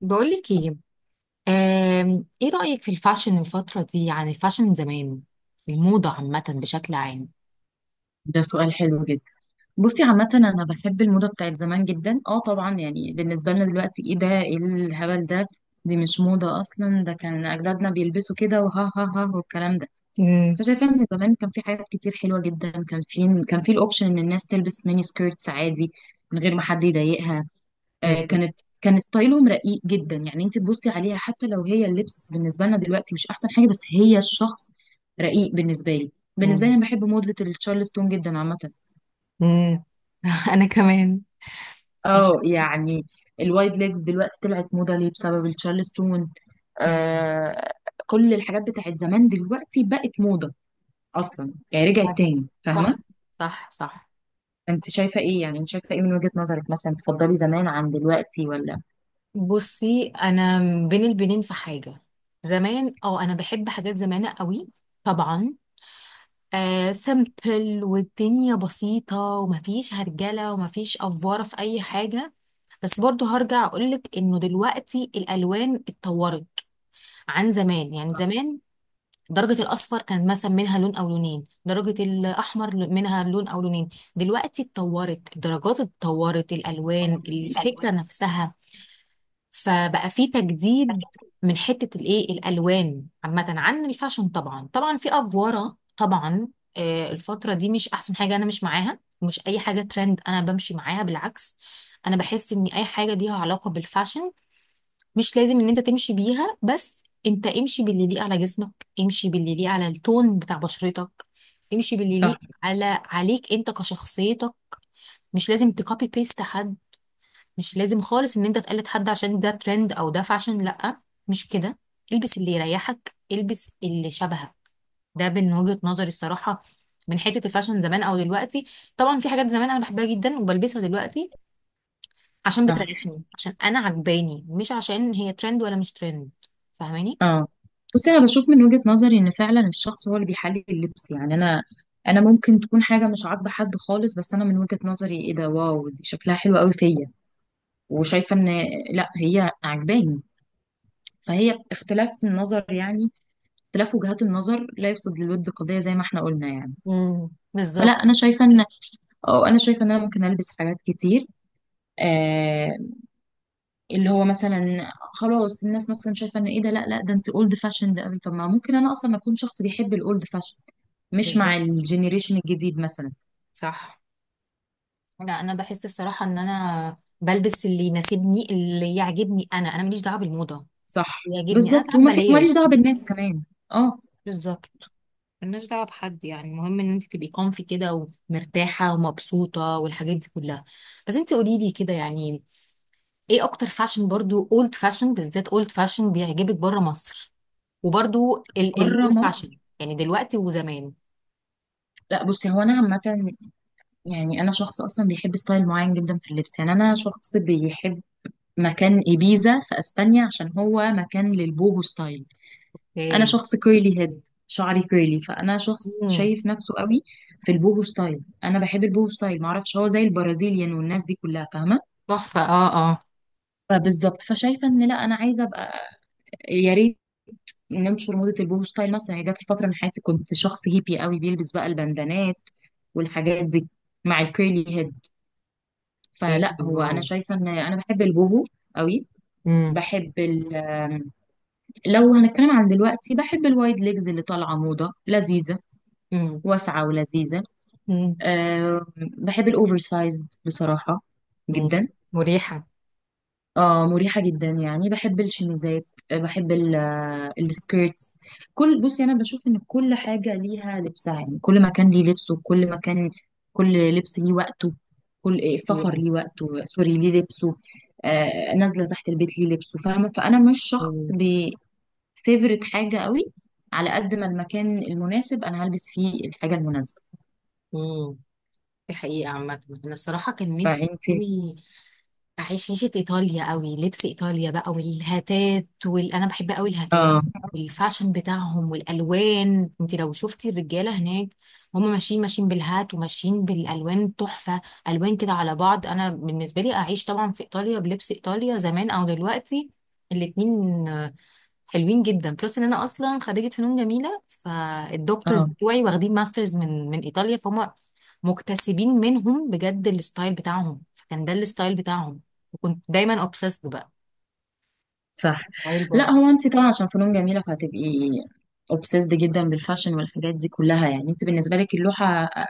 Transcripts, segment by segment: بقولك ايه. ايه رأيك في الفاشن الفترة دي؟ يعني الفاشن زمان، الموضة عامة بشكل عام. ده سؤال حلو جدا. بصي، عامة أنا بحب الموضة بتاعت زمان جدا. اه طبعا يعني بالنسبة لنا دلوقتي، ايه ده، ايه الهبل ده، دي مش موضة أصلا، ده كان أجدادنا بيلبسوا كده وها ها ها والكلام ده. بس امم أنا شايفة إن زمان كان في حاجات كتير حلوة جدا. كان في الأوبشن إن الناس تلبس ميني سكيرتس عادي من غير ما حد يضايقها. آه، بالظبط. كان ستايلهم رقيق جدا، يعني أنت تبصي عليها حتى لو هي اللبس بالنسبة لنا دلوقتي مش أحسن حاجة، بس هي الشخص رقيق. بالنسبة لي مم. أنا بحب موضة التشارلستون جدا عامة. امم انا كمان. اه يعني الوايد ليجز دلوقتي طلعت موضة ليه؟ بسبب التشارلستون. مم. آه. كل الحاجات بتاعت زمان دلوقتي بقت موضة اصلا، يعني رجعت عارف. تاني، فاهمة. صح. صح صح. انت شايفة ايه يعني؟ انت شايفة ايه من وجهة نظرك؟ مثلا تفضلي زمان عن دلوقتي ولا؟ بصي انا، بين البنين في حاجة، زمان اه انا بحب حاجات زمان قوي، طبعا. آه، سمبل والدنيا بسيطة ومفيش هرجلة ومفيش أفوارة في أي حاجة. بس برضو هرجع اقولك انه دلوقتي الالوان اتطورت عن زمان. يعني زمان درجة الأصفر كان مثلا منها لون أو لونين، درجة الأحمر منها لون أو لونين. دلوقتي اتطورت الدرجات، اتطورت الألوان، الألوان. الفكرة نفسها. فبقى في تجديد من حتة الإيه، الألوان عامة عن الفاشن. طبعا طبعا في أفوارة طبعا. آه، الفترة دي مش أحسن حاجة، أنا مش معاها. مش أي حاجة ترند أنا بمشي معاها، بالعكس. أنا بحس إن أي حاجة ليها علاقة بالفاشن مش لازم ان انت تمشي بيها، بس انت امشي باللي يليق على جسمك، امشي باللي يليق على التون بتاع بشرتك، امشي باللي صح، يليق على عليك انت كشخصيتك. مش لازم تكوبي بيست حد، مش لازم خالص ان انت تقلد حد عشان ده ترند او ده فاشن، لا، مش كده. البس اللي يريحك، البس اللي شبهك. ده من وجهة نظري الصراحة، من حتة الفاشن زمان او دلوقتي. طبعا في حاجات زمان انا بحبها جدا وبلبسها دلوقتي، عشان صح. بتريحني، عشان انا عجباني، مش عشان هي ترند ولا مش ترند. فاهماني؟ اه، بصي انا بشوف من وجهة نظري ان فعلا الشخص هو اللي بيحلل اللبس، يعني انا، انا ممكن تكون حاجه مش عاجبه حد خالص، بس انا من وجهة نظري ايه ده، واو دي شكلها حلو قوي فيا، وشايفه ان لا هي عجباني. فهي اختلاف النظر يعني، اختلاف وجهات النظر لا يفسد للود قضية، زي ما احنا قلنا يعني. فلا بالظبط. انا شايفة ان، اه انا شايفة ان انا ممكن البس حاجات كتير، آه، اللي هو مثلا خلاص الناس مثلا شايفة ان ايه ده، لا ده انت اولد فاشند قوي. طب ما ممكن انا اصلا اكون شخص بيحب الاولد فاشن، مش مع بالظبط. الجينيريشن الجديد مثلا. صح. لا انا بحس الصراحه ان انا بلبس اللي يناسبني، اللي يعجبني انا، ماليش دعوه بالموضه. صح اللي يعجبني انا بالظبط، ساعات وما في، ماليش بلايرز. دعوة بالناس كمان. اه، بالظبط. مالناش دعوه بحد يعني، المهم ان انت تبقي كونفي كده ومرتاحه ومبسوطه والحاجات دي كلها. بس انت قولي لي كده يعني، ايه اكتر فاشن برضو، اولد فاشن بالذات، اولد فاشن بيعجبك بره مصر؟ وبرضو بره النيو مصر. فاشن يعني دلوقتي وزمان. لا بصي هو انا عامة، يعني انا شخص اصلا بيحب ستايل معين جدا في اللبس. يعني انا شخص بيحب مكان إبيزا في أسبانيا، عشان هو مكان للبوهو ستايل. أنا ايه. شخص كيرلي هيد، شعري كيرلي، فأنا شخص امم شايف نفسه قوي في البوهو ستايل. أنا بحب البوهو ستايل، معرفش هو زي البرازيليان والناس دي كلها، فاهمة؟ تحفه، اه اه. فبالظبط، فشايفة إن لا، أنا عايزة أبقى، يا ريت، ننشر موضة البوهو ستايل مثلا. هي جات لي فترة من حياتي كنت شخص هيبي قوي، بيلبس بقى البندانات والحاجات دي مع الكيرلي هيد. ايه، فلا هو واو. أنا شايفة إن أنا بحب البوهو قوي. امم بحب، لو هنتكلم عن دلوقتي، بحب الوايد ليجز اللي طالعه موضه لذيذه، امم واسعه ولذيذه. امم أه بحب الاوفر سايزد بصراحه امم جدا. مريحة. اه مريحه جدا، يعني بحب الشميزات، آه، بحب ال-، آه، السكيرتس. كل، بصي انا بشوف ان كل حاجه ليها لبسها، يعني كل مكان ليه لبسه. كل لبس ليه وقته. كل إيه، السفر ليه حقيقة. وقته، سوري ليه لبسه، آه، نازله تحت البيت ليه لبسه، فاهمه. فانا مش شخص امم فيفرت حاجة قوي، على قد ما المكان المناسب انا هلبس فيه الحاجة المناسبة. امم دي حقيقة. عامة أنا الصراحة كان نفسي فانت، أوي أعيش عيشة إيطاليا أوي، لبس إيطاليا بقى والهتات أنا بحب أوي الهتات اه. والفاشن بتاعهم والألوان. أنت لو شفتي الرجالة هناك، هم ماشيين، ماشيين بالهات وماشيين بالألوان تحفة. ألوان كده على بعض. أنا بالنسبة لي أعيش طبعا في إيطاليا بلبس إيطاليا، زمان أو دلوقتي، الاتنين حلوين جدا. بلس ان انا اصلا خريجه فنون جميله، فالدكتورز اه بتوعي واخدين ماسترز من ايطاليا، فهم مكتسبين منهم بجد الستايل بتاعهم، فكان ده الستايل بتاعهم، وكنت دايما اوبسيسد بقى صح. ستايل لا برضه. هو انت طبعا عشان فنون جميلة فهتبقي obsessed جدا بالفاشن والحاجات دي كلها. يعني انت بالنسبة لك اللوحة، آه،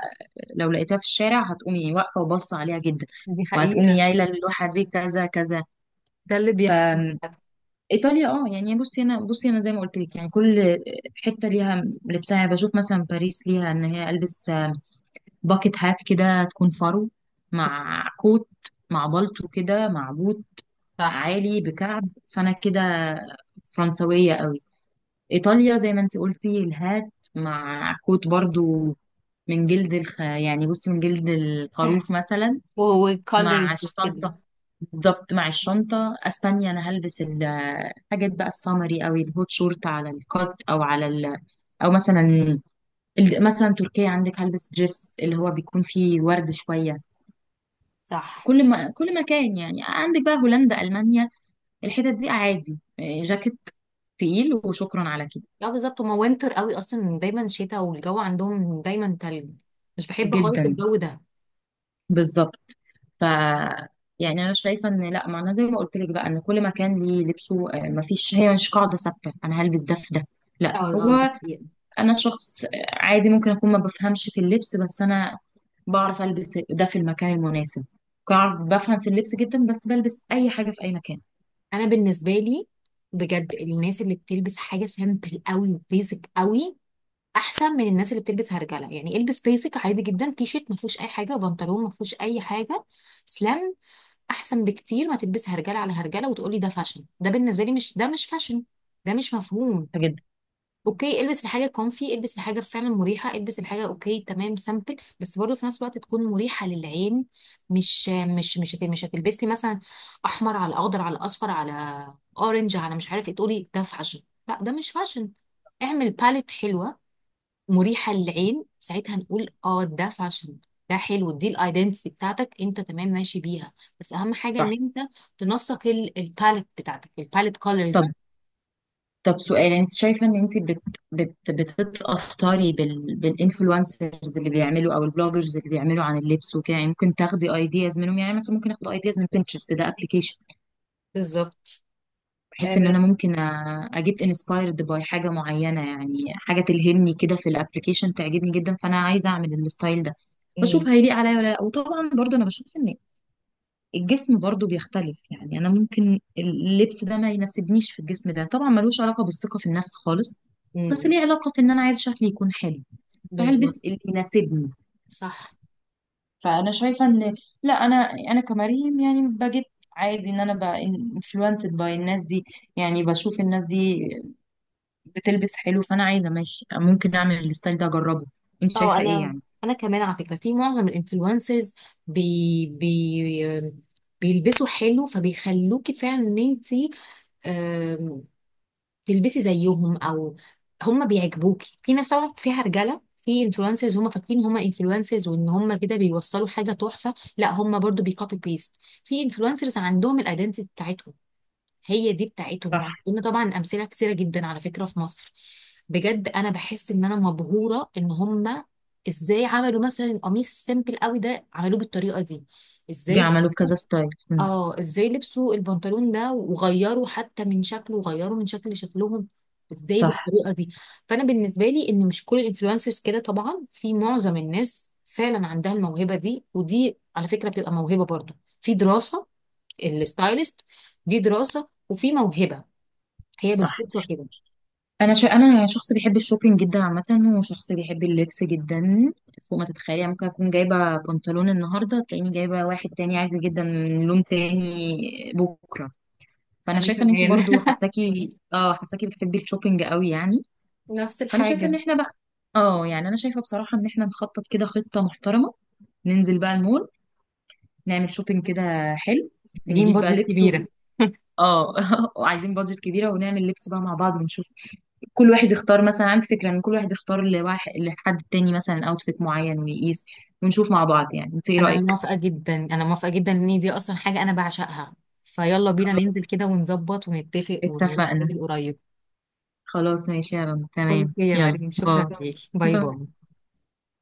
لو لقيتها في الشارع هتقومي واقفة وباصة عليها جدا، دي وهتقومي حقيقة. يايلة اللوحة دي كذا كذا. ده اللي ف، بيحصل. ايطاليا، اه يعني بصي انا، بصي انا زي ما قلت لك، يعني كل حتة ليها لبسها. يعني بشوف مثلا باريس ليها ان هي البس باكت هات كده تكون فرو، مع كوت، مع بالطو كده، مع بوت صح. عالي بكعب، فانا كده فرنسوية قوي. ايطاليا زي ما انت قلتي الهات، مع كوت برضو، من جلد الخ... يعني بصي من جلد الخروف مثلا، مع وكولرز وكده. الشنطة. بالظبط، مع الشنطة. اسبانيا انا هلبس الحاجات بقى السمري او الهوت شورت على الكات او على ال...، او مثلا مثلا تركيا عندك، هلبس دريس اللي هو بيكون فيه ورد شوية. صح. كل ما كل مكان يعني، عندك بقى هولندا، ألمانيا، الحتت دي عادي، آه، جاكيت تقيل وشكرا على كده. لا بالظبط هما وينتر قوي اصلا، دايما شتاء والجو عندهم دايما تلج، مش بحب خالص جدا، الجو ده. بالظبط. ف، يعني انا شايفه ان لا، ما انا زي ما قلت لك بقى ان كل مكان ليه لبسه، آه، ما فيش، هي مش قاعده ثابته انا هلبس ده في ده، لا. اه. اه ده هو حقيقة. انا شخص، آه، عادي ممكن اكون ما بفهمش في اللبس، بس انا بعرف البس ده في المكان المناسب. بعرف، بفهم في اللبس جدا، بس بلبس اي حاجه في اي مكان. انا بالنسبه لي بجد، الناس اللي بتلبس حاجه سامبل قوي وبيزك قوي احسن من الناس اللي بتلبس هرجله. يعني البس بيزك عادي جدا، تي شيرت ما فيهوش اي حاجه وبنطلون ما فيهوش اي حاجه، سلام، احسن بكتير ما تلبس هرجله على هرجله وتقولي ده فاشن. ده بالنسبه لي مش، ده مش فاشن، ده مش صح مفهوم. جدا. اوكي، البس الحاجه كونفي، البس الحاجه فعلا مريحه، البس الحاجه اوكي تمام سامبل، بس برضه في نفس الوقت تكون مريحه للعين. مش هتلبسي مثلا احمر على اخضر على اصفر على اورنج على مش عارف ايه، تقولي ده فاشن؟ لا، ده مش فاشن. اعمل باليت حلوه مريحه للعين، ساعتها نقول اه ده فاشن، ده حلو، دي الايدنتي بتاعتك انت، تمام ماشي بيها. بس اهم حاجه صح. ان انت تنسق الباليت بتاعتك، الباليت كولرز. طب، طب سؤال، انت شايفه ان انت بتتاثري بالانفلونسرز اللي بيعملوا او البلوجرز اللي بيعملوا عن اللبس وكده؟ يعني ممكن تاخدي ايدياز منهم، يعني مثلا ممكن اخد ايدياز من بنترست، ده ابلكيشن، بالظبط. بحيث آه. ان انا ممكن اجيت انسبايرد باي حاجه معينه، يعني حاجه تلهمني كده في الابلكيشن تعجبني جدا، فانا عايزه اعمل الستايل ده، بشوف هيليق عليا ولا لا. وطبعا برضه انا بشوف ان الجسم برضو بيختلف، يعني انا ممكن اللبس ده ما يناسبنيش في الجسم ده. طبعا ملوش علاقة بالثقة في النفس خالص، بس أمم. ليه علاقة في ان انا عايز شكلي يكون حلو، بالظبط. فهلبس اللي يناسبني. صح. فانا شايفة ان، لا انا، انا كمريم يعني بجد، عادي ان انا بقى انفلونسد باي الناس دي، يعني بشوف الناس دي بتلبس حلو، فانا عايزة ماشي ممكن اعمل الستايل ده، اجربه. انت اه شايفة ايه انا، يعني؟ انا كمان على فكره في معظم الانفلونسرز، بي بيلبسوا حلو، فبيخلوكي فعلا ان انت تلبسي زيهم، او هم بيعجبوكي. في ناس طبعا فيها رجاله، في انفلونسرز هم فاكرين هم انفلونسرز وان هم كده بيوصلوا حاجه تحفه، لا هم برضو بيكوبي بيست. في انفلونسرز عندهم الايدنتي بتاعتهم، هي دي بتاعتهم، صح، وعندنا طبعا امثله كثيره جدا على فكره في مصر. بجد انا بحس ان انا مبهوره ان هم ازاي عملوا مثلا القميص السيمبل قوي ده عملوه بالطريقه دي، ازاي. بيعملوا كذا ستايل. اه ازاي لبسوا البنطلون ده وغيروا حتى من شكله، وغيروا من شكل شكلهم ازاي صح، بالطريقه دي. فانا بالنسبه لي ان مش كل الانفلونسرز كده طبعا، في معظم الناس فعلا عندها الموهبه دي، ودي على فكره بتبقى موهبه برضو، في دراسه الستايلست، دي دراسه وفي موهبه هي صح. بالفطرة كده. انا شخص بيحب الشوبينج جدا عامه، وشخص بيحب اللبس جدا فوق ما تتخيلي. يعني ممكن اكون جايبه بنطلون النهارده تلاقيني جايبه واحد تاني عادي جدا، لون تاني بكره. فانا أنا شايفه ان انت كمان برضو حساكي، اه حساكي بتحبي الشوبينج قوي يعني. نفس فانا شايفه ان الحاجة. احنا بقى، اه يعني انا شايفه بصراحه ان احنا نخطط كده خطه محترمه، ننزل بقى المول، نعمل شوبينج كده حلو، محتاجين نجيب بقى بادجت لبس و...، كبيرة. اه وعايزين بادجت كبيره، ونعمل لبس بقى مع بعض ونشوف. كل واحد يختار، مثلا عندي فكرة ان كل واحد يختار لواحد، لحد تاني مثلا اوتفيت معين ويقيس، ونشوف مع بعض. يعني انت ايه أنا رأيك؟ موافقة جدا، أنا موافقة جدا، إن دي أصلا حاجة أنا بعشقها. فيلا بينا ننزل خلاص كده ونظبط ونتفق اتفقنا. ونتقابل قريب. خلاص ماشي، يا رب، أوكي تمام، يا يلا مريم، باي. شكرا ليك، باي باي. باي.